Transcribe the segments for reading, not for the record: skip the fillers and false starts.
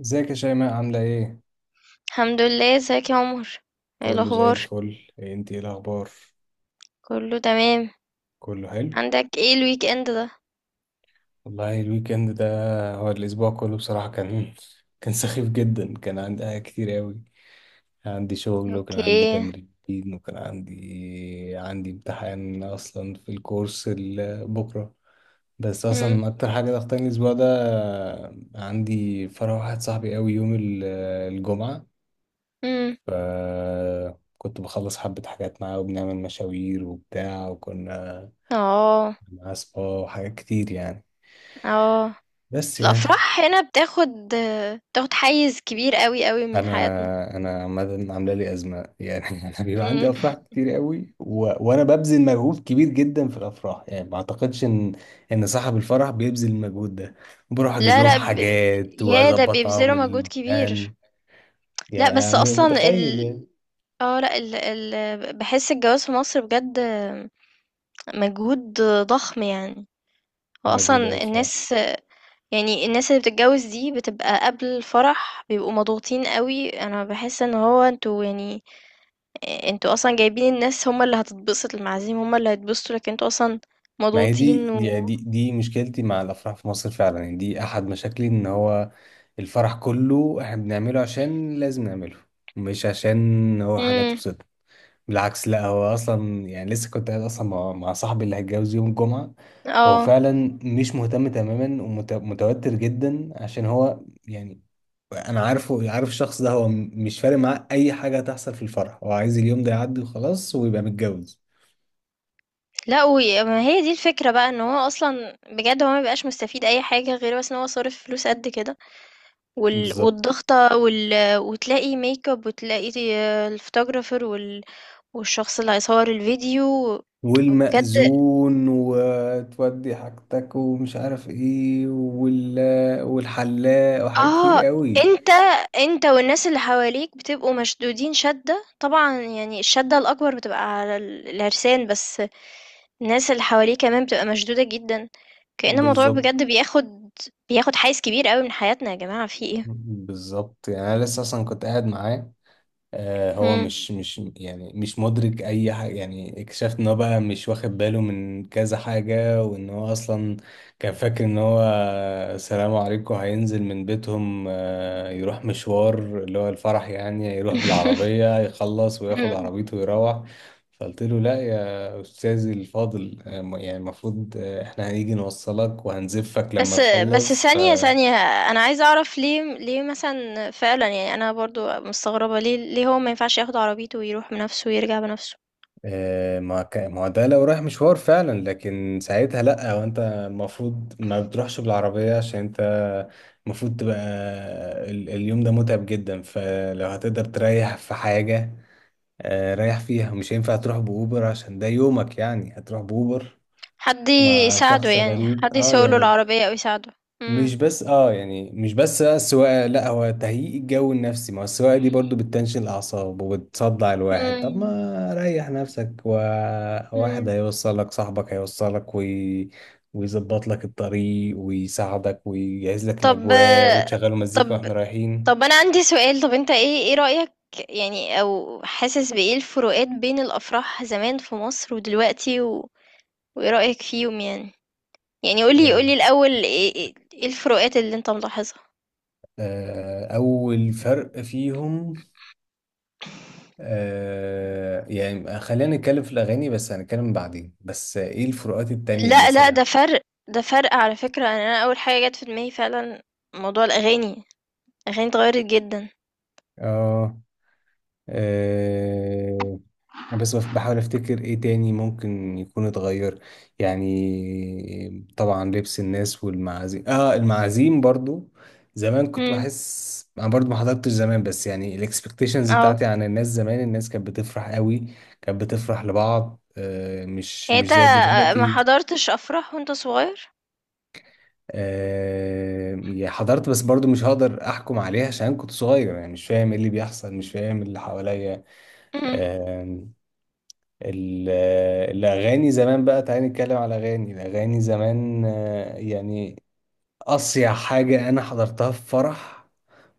ازيك يا شيماء عاملة ايه؟ الحمد لله. ازيك يا عمر؟ ايه كله زي الاخبار؟ الفل. إيه انت ايه الاخبار؟ كله تمام. كله حلو. عندك ايه الويك اند ده؟ والله الويكند ده، هو الأسبوع كله بصراحة كان كان سخيف جدا، كان عندي حاجات كتير أوي، كان عندي شغل وكان اوكي. عندي تمرين وكان عندي امتحان أصلا في الكورس بكرة. بس امم. أصلا أكتر حاجة ضغطاني الأسبوع ده، عندي فرح واحد صاحبي أوي يوم الجمعة. امم. فكنت بخلص حبة حاجات معاه وبنعمل مشاوير وبتاع، وكنا اه. معاه سبا وحاجات كتير يعني. اه. بس يعني الافراح هنا بتاخد حيز كبير قوي قوي من حياتنا. انا انا عامه عامله لي ازمه يعني. انا بيبقى عندي مم. افراح كتير قوي، و... وانا ببذل مجهود كبير جدا في الافراح، يعني ما اعتقدش ان صاحب الفرح بيبذل المجهود ده. بروح اجيب لا لهم لا، حاجات يا ده واظبط معاهم بيبذلوا مجهود كبير. البلان يعني. لا أنا بس اصلا متخيل ال يعني اه لا بحس الجواز في مصر بجد. مجهود ضخم يعني. مجهود قوي واصلا بصراحه. الناس، يعني الناس اللي بتتجوز دي بتبقى قبل الفرح بيبقوا مضغوطين قوي. انا بحس ان هو انتوا يعني، انتوا اصلا جايبين الناس، هما اللي هتتبسط، المعازيم هما اللي هيتبسطوا، لكن انتوا اصلا ما هي مضغوطين و دي مشكلتي مع الافراح في مصر فعلا، يعني دي احد مشاكلي، ان هو الفرح كله احنا بنعمله عشان لازم نعمله، مش عشان هو حاجه امم. تبسطنا. بالعكس، لا هو اصلا يعني لسه كنت قاعد اصلا مع صاحبي اللي هيتجوز يوم الجمعه. هو اه، فعلا مش مهتم تماما ومتوتر جدا، عشان هو يعني انا عارف الشخص ده، هو مش فارق معاه اي حاجه هتحصل في الفرح، هو عايز اليوم ده يعدي وخلاص ويبقى متجوز. لا ما هي دي الفكرة بقى، ان هو اصلا بجد هو ما بيبقاش مستفيد اي حاجة غير بس ان هو صارف فلوس قد كده، بالظبط. والضغطة وتلاقي ميك اب، وتلاقي الفوتوغرافر والشخص اللي هيصور الفيديو. بجد. والمأذون وتودي حاجتك ومش عارف ايه والحلاق وحاجات كتير آه، قوي. أنت أنت والناس اللي حواليك بتبقوا مشدودين شدة، طبعًا يعني الشدة الأكبر بتبقى على العرسان، بس الناس اللي حواليه كمان بتبقى مشدودة جدًا، كأن الموضوع بالظبط. بجد بياخد حيّز كبير أوي من حياتنا يا جماعة في إيه؟ بالظبط يعني انا لسه اصلا كنت قاعد معاه. آه، هو إمم. مش يعني مش مدرك اي حاجه، يعني اكتشفت ان هو بقى مش واخد باله من كذا حاجه، وان هو اصلا كان فاكر ان هو سلام عليكم هينزل من بيتهم، آه، يروح مشوار اللي هو الفرح، يعني يروح إمم. بالعربيه يخلص وياخد إمم. عربيته ويروح. فقلت له لا يا استاذي الفاضل، آه، يعني المفروض آه، احنا هنيجي نوصلك وهنزفك لما بس، بس تخلص. ف ثانية، ثانية، أنا عايزة أعرف ليه مثلًا فعلًا. يعني أنا برضه مستغربة ليه هو ما ينفعش ياخد عربيته ويروح بنفسه ويرجع بنفسه؟ آه، ما هو ده لو رايح مشوار فعلا، لكن ساعتها لا، وانت المفروض ما بتروحش بالعربية عشان انت المفروض تبقى اليوم ده متعب جدا، فلو هتقدر تريح في حاجة آه، ريح فيها. مش هينفع تروح بأوبر عشان ده يومك، يعني هتروح بأوبر حد مع يساعده، شخص يعني غريب حد اه يسوق له يعني. العربية او يساعده. امم. مش بس اه يعني مش بس بقى السواقه، لا هو تهيئ الجو النفسي، ما هو السواقه دي برضو بتنشن الاعصاب وبتصدع الواحد. طب مم. ما ريح نفسك، وواحد مم. هيوصلك، صاحبك هيوصلك ويظبط لك الطريق ويساعدك ويجهز لك طب الاجواء وتشغلوا مزيكا طب واحنا رايحين. طب انا عندي سؤال. طب انت ايه رأيك يعني، او حاسس بايه الفروقات بين الافراح زمان في مصر ودلوقتي وايه رأيك فيهم يعني؟ يعني قولي آه، قولي الاول ايه ايه إيه الفروقات اللي انت ملاحظها؟ آه، اول فرق فيهم آه، يعني خلينا نتكلم في الاغاني، بس هنتكلم بعدين بس ايه الفروقات التانية لا لا، مثلا. ده فرق، ده فرق على فكرة. أنا اول حاجة جت في دماغي فعلا موضوع الاغاني. الاغاني اتغيرت جدا. اه. أه بس بحاول افتكر ايه تاني ممكن يكون اتغير. يعني طبعا لبس الناس والمعازيم، اه المعازيم برضو زمان كنت مم. بحس، انا برضو ما حضرتش زمان، بس يعني الاكسبكتيشنز اه، بتاعتي عن الناس زمان، الناس كانت بتفرح قوي، كانت بتفرح لبعض، أه مش يعني مش انت زي ما دلوقتي. حضرتش افراح وانت صغير؟ أه يعني حضرت، بس برضو مش هقدر احكم عليها عشان كنت صغير، يعني مش فاهم ايه اللي بيحصل، مش فاهم اللي حواليا. مم. آه، ال- الأغاني زمان بقى، تعالى نتكلم على أغاني، الأغاني زمان آه، يعني أصيع حاجة أنا حضرتها في فرح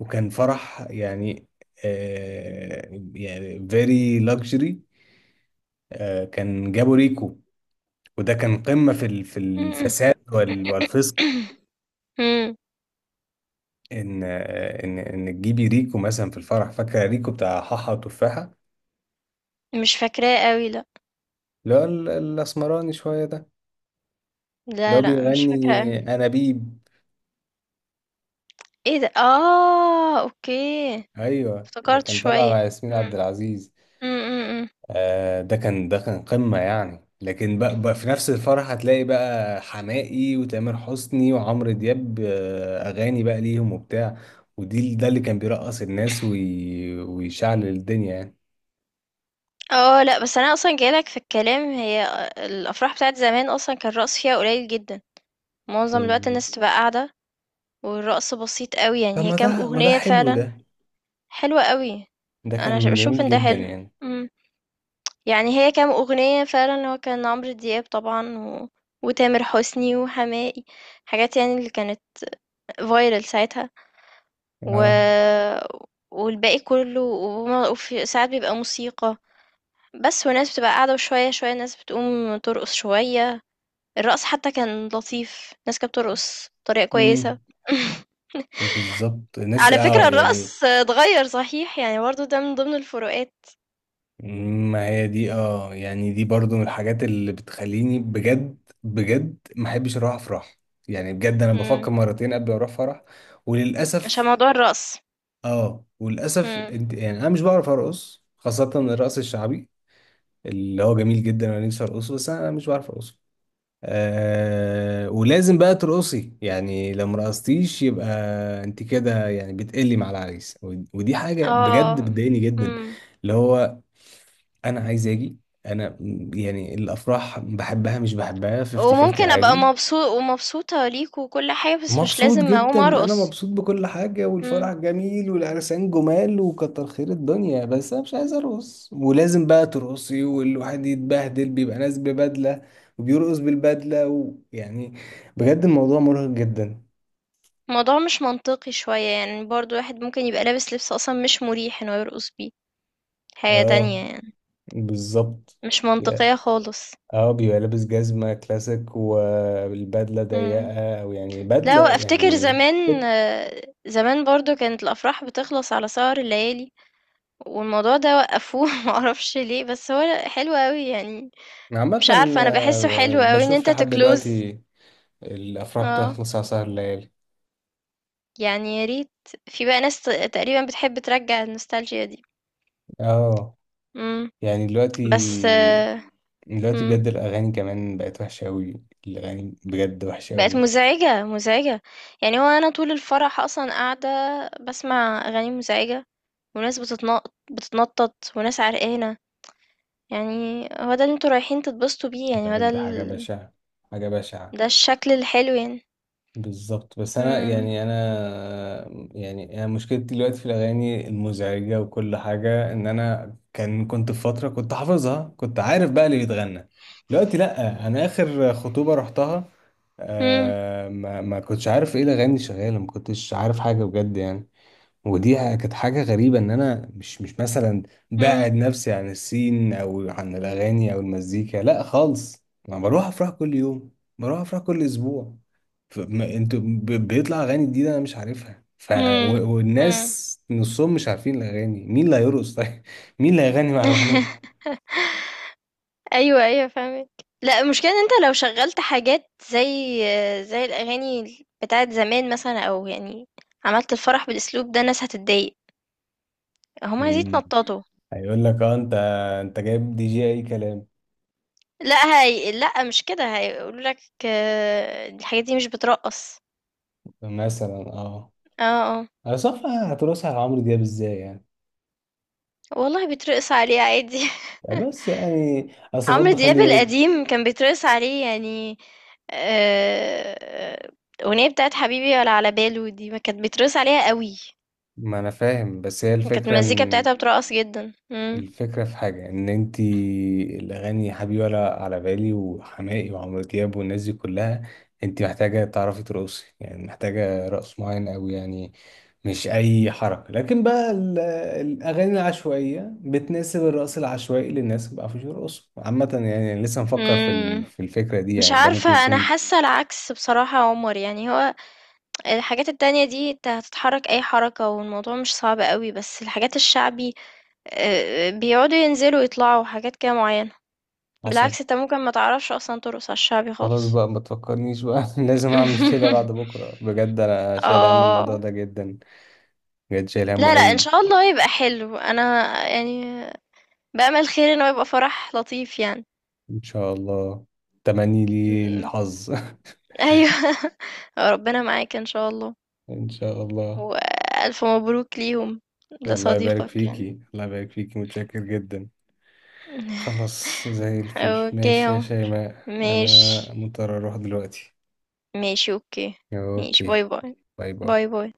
وكان فرح يعني آه، يعني very luxury، آه، كان جابوا ريكو، وده كان قمة في في مم. الفساد والفسق. مم. إن آه، إن تجيبي ريكو مثلا في الفرح، فاكرة ريكو بتاع حاحة وتفاحة؟ مش فاكراه قوي، لا. اللي هو الأسمراني شوية ده، اللي لا هو لا، مش فاكراه بيغني قوي. أنابيب، ايه ده؟ اه، اوكي. ايوه اللي افتكرت كان طالع مع شويه. ياسمين عبد مم. العزيز. مم. مم. مم. آه ده كان ده كان قمة يعني. لكن بقى في نفس الفرح هتلاقي بقى حماقي وتامر حسني وعمرو دياب، آه اغاني بقى ليهم وبتاع، ودي ده اللي كان بيرقص الناس ويشعل الدنيا يعني. اه، لا بس انا اصلا جايلك في الكلام. هي الافراح بتاعت زمان اصلا كان الرقص فيها قليل جدا، معظم الوقت مم. الناس تبقى قاعده، والرقص بسيط قوي. طب يعني هي ما كام ده ما ده اغنيه حلو فعلا؟ ده، حلوه قوي. ده انا كان بشوف جميل ان ده جدا حلو. يعني. يعني هي كام أغنية فعلا، هو كان عمرو دياب طبعا وتامر حسني وحماقي، حاجات يعني اللي كانت فايرال ساعتها و... اه. والباقي كله، وفي ساعات بيبقى موسيقى بس، والناس بتبقى قاعدة وشوية شوية الناس بتقوم ترقص شوية. الرقص حتى كان لطيف، الناس كانت بترقص بطريقة كويسة. امم بالظبط الناس على اه فكرة يعني. الرقص اتغير صحيح، يعني برضه ده من ضمن الفروقات. ما هي دي اه يعني دي برضو من الحاجات اللي بتخليني بجد بجد ما احبش اروح افراح، يعني بجد انا بفكر مم. مرتين قبل ما اروح فرح. عشان وللاسف موضوع الرقص. اه، وللاسف مم. انت يعني انا مش بعرف ارقص، خاصة الرقص الشعبي اللي هو جميل جدا وانا نفسي ارقصه، بس انا مش بعرف ارقصه. آه ولازم بقى ترقصي، يعني لو مرقصتيش يبقى انت كده يعني بتقلي مع العريس. ودي حاجة بجد اه. بتضايقني جدا. مم. اللي هو انا عايز اجي، انا يعني الافراح بحبها مش بحبها 50 50 وممكن ابقى عادي. مبسوط ومبسوطة ليك وكل حاجة، بس مش مبسوط لازم جدا، اقوم انا ارقص. مبسوط بكل حاجه، مم. والفرح جميل والعرسان جمال وكتر خير الدنيا، بس انا مش عايز ارقص، ولازم بقى ترقصي والواحد يتبهدل، بيبقى ناس ببدله وبيرقص بالبدله ويعني بجد الموضوع مرهق جدا. الموضوع مش منطقي شوية، يعني برضو واحد ممكن يبقى لابس لبس اصلا مش مريح انه يرقص بيه. حاجة اه تانية يعني بالظبط. مش يا- منطقية خالص. اه بيبقى لابس جزمه كلاسيك والبدله مم. ضيقه، او يعني لا، بدله وافتكر يعني. زمان، فت. زمان برضو كانت الافراح بتخلص على سهر الليالي، والموضوع ده وقفوه. معرفش ليه بس هو حلو قوي يعني. عامة مش عارفة، انا بحسه آه، حلو قوي ان بشوف انت لحد تكلوز. دلوقتي الأفراح اه، بتخلص على سهر الليالي. يعني يا ريت. في بقى ناس تقريبا بتحب ترجع النوستالجيا دي. اه امم. يعني بس. دلوقتي، دلوقتي امم. بجد الأغاني كمان بقت وحشة أوي، الأغاني بجد وحشة بقت أوي. مزعجة مزعجة. يعني هو انا طول الفرح اصلا قاعدة بسمع اغاني مزعجة، وناس بتتنطط بتتنطط وناس عرقانة. يعني هو ده اللي انتوا رايحين تتبسطوا بيه؟ يعني هو بجد حاجة بشعة، حاجة بشعة. ده الشكل الحلو يعني؟ بالظبط. بس أنا امم. يعني أنا يعني أنا مشكلتي دلوقتي في الأغاني المزعجة وكل حاجة، إن أنا كنت في فترة كنت حافظها، كنت عارف بقى اللي بيتغنى. دلوقتي لأ، أنا آخر خطوبة رحتها امم. آه ما كنتش عارف إيه الأغاني اللي شغالة، ما كنتش عارف حاجة بجد يعني. ودي كانت حاجة غريبة، إن أنا مش مثلا بعد نفسي عن السين أو عن الأغاني أو المزيكا، لا خالص، أنا بروح أفراح كل يوم، بروح أفراح كل أسبوع، انتوا بيطلع أغاني جديدة أنا مش عارفها ف امم. امم. والناس نصهم مش عارفين الأغاني. مين اللي هيرقص طيب؟ مين اللي هيغني مع الأغنية؟ ايوه ايوه فاهمك. لا، المشكله ان انت لو شغلت حاجات زي الاغاني بتاعت زمان مثلا، او يعني عملت الفرح بالاسلوب ده الناس هتتضايق، هم عايزين مم. يتنططوا. هيقول لك اه انت، انت جايب دي جي اي كلام. لا، هي لا مش كده، هيقولوا لك الحاجات دي مش بترقص. مثلا اه. اه. اه. انا صفى هترقصها على عمرو دياب ازاي يعني؟ والله بيترقص عليه عادي. بس يعني اصل عمرو برضه خلي دياب بالك. القديم كان بيترقص عليه يعني. آه، الاغنيه بتاعت حبيبي ولا على باله دي ما كانت بيترقص عليها قوي، ما انا فاهم، بس هي كانت الفكرة المزيكا ان، بتاعتها بترقص جدا. الفكرة في حاجة، ان انتي الاغاني يا حبيبي ولا على بالي وحماقي وعمرو دياب والناس دي كلها انتي محتاجة تعرفي ترقصي، يعني محتاجة رقص معين اوي يعني، مش اي حركة. لكن بقى الاغاني العشوائية بتناسب الرقص العشوائي للناس ما بيعرفوش يرقصوا عامة يعني. لسه مفكر في امم. في الفكرة دي مش يعني، ده عارفة، ممكن أنا يكون حاسة العكس بصراحة يا عمر. يعني هو الحاجات التانية دي انت هتتحرك أي حركة والموضوع مش صعب قوي، بس الحاجات الشعبي بيقعدوا ينزلوا يطلعوا حاجات كده معينة. حصل. بالعكس، انت ممكن ما تعرفش أصلا ترقص على الشعبي خلاص خالص. بقى ما تفكرنيش بقى. لازم اعمل كده بعد بكرة، بجد انا شايل هم الموضوع اه. ده جدا، بجد شايل همه لا لا، ان قوي. شاء الله يبقى حلو. انا يعني بأمل خير انه يبقى فرح لطيف يعني. ان شاء الله. تمني لي م. الحظ. ايوه. ربنا معاك ان شاء الله. ان شاء الله. وألف مبروك ليهم، الله يبارك لصديقك يعني. فيكي، الله يبارك فيكي، متشكر جدا. خلاص زي الفل، اوكي ماشي يا اهو. شيماء انا ماشي. مضطر اروح دلوقتي. ماشي اوكي. ماشي. اوكي، باي باي. باي باي. باي باي.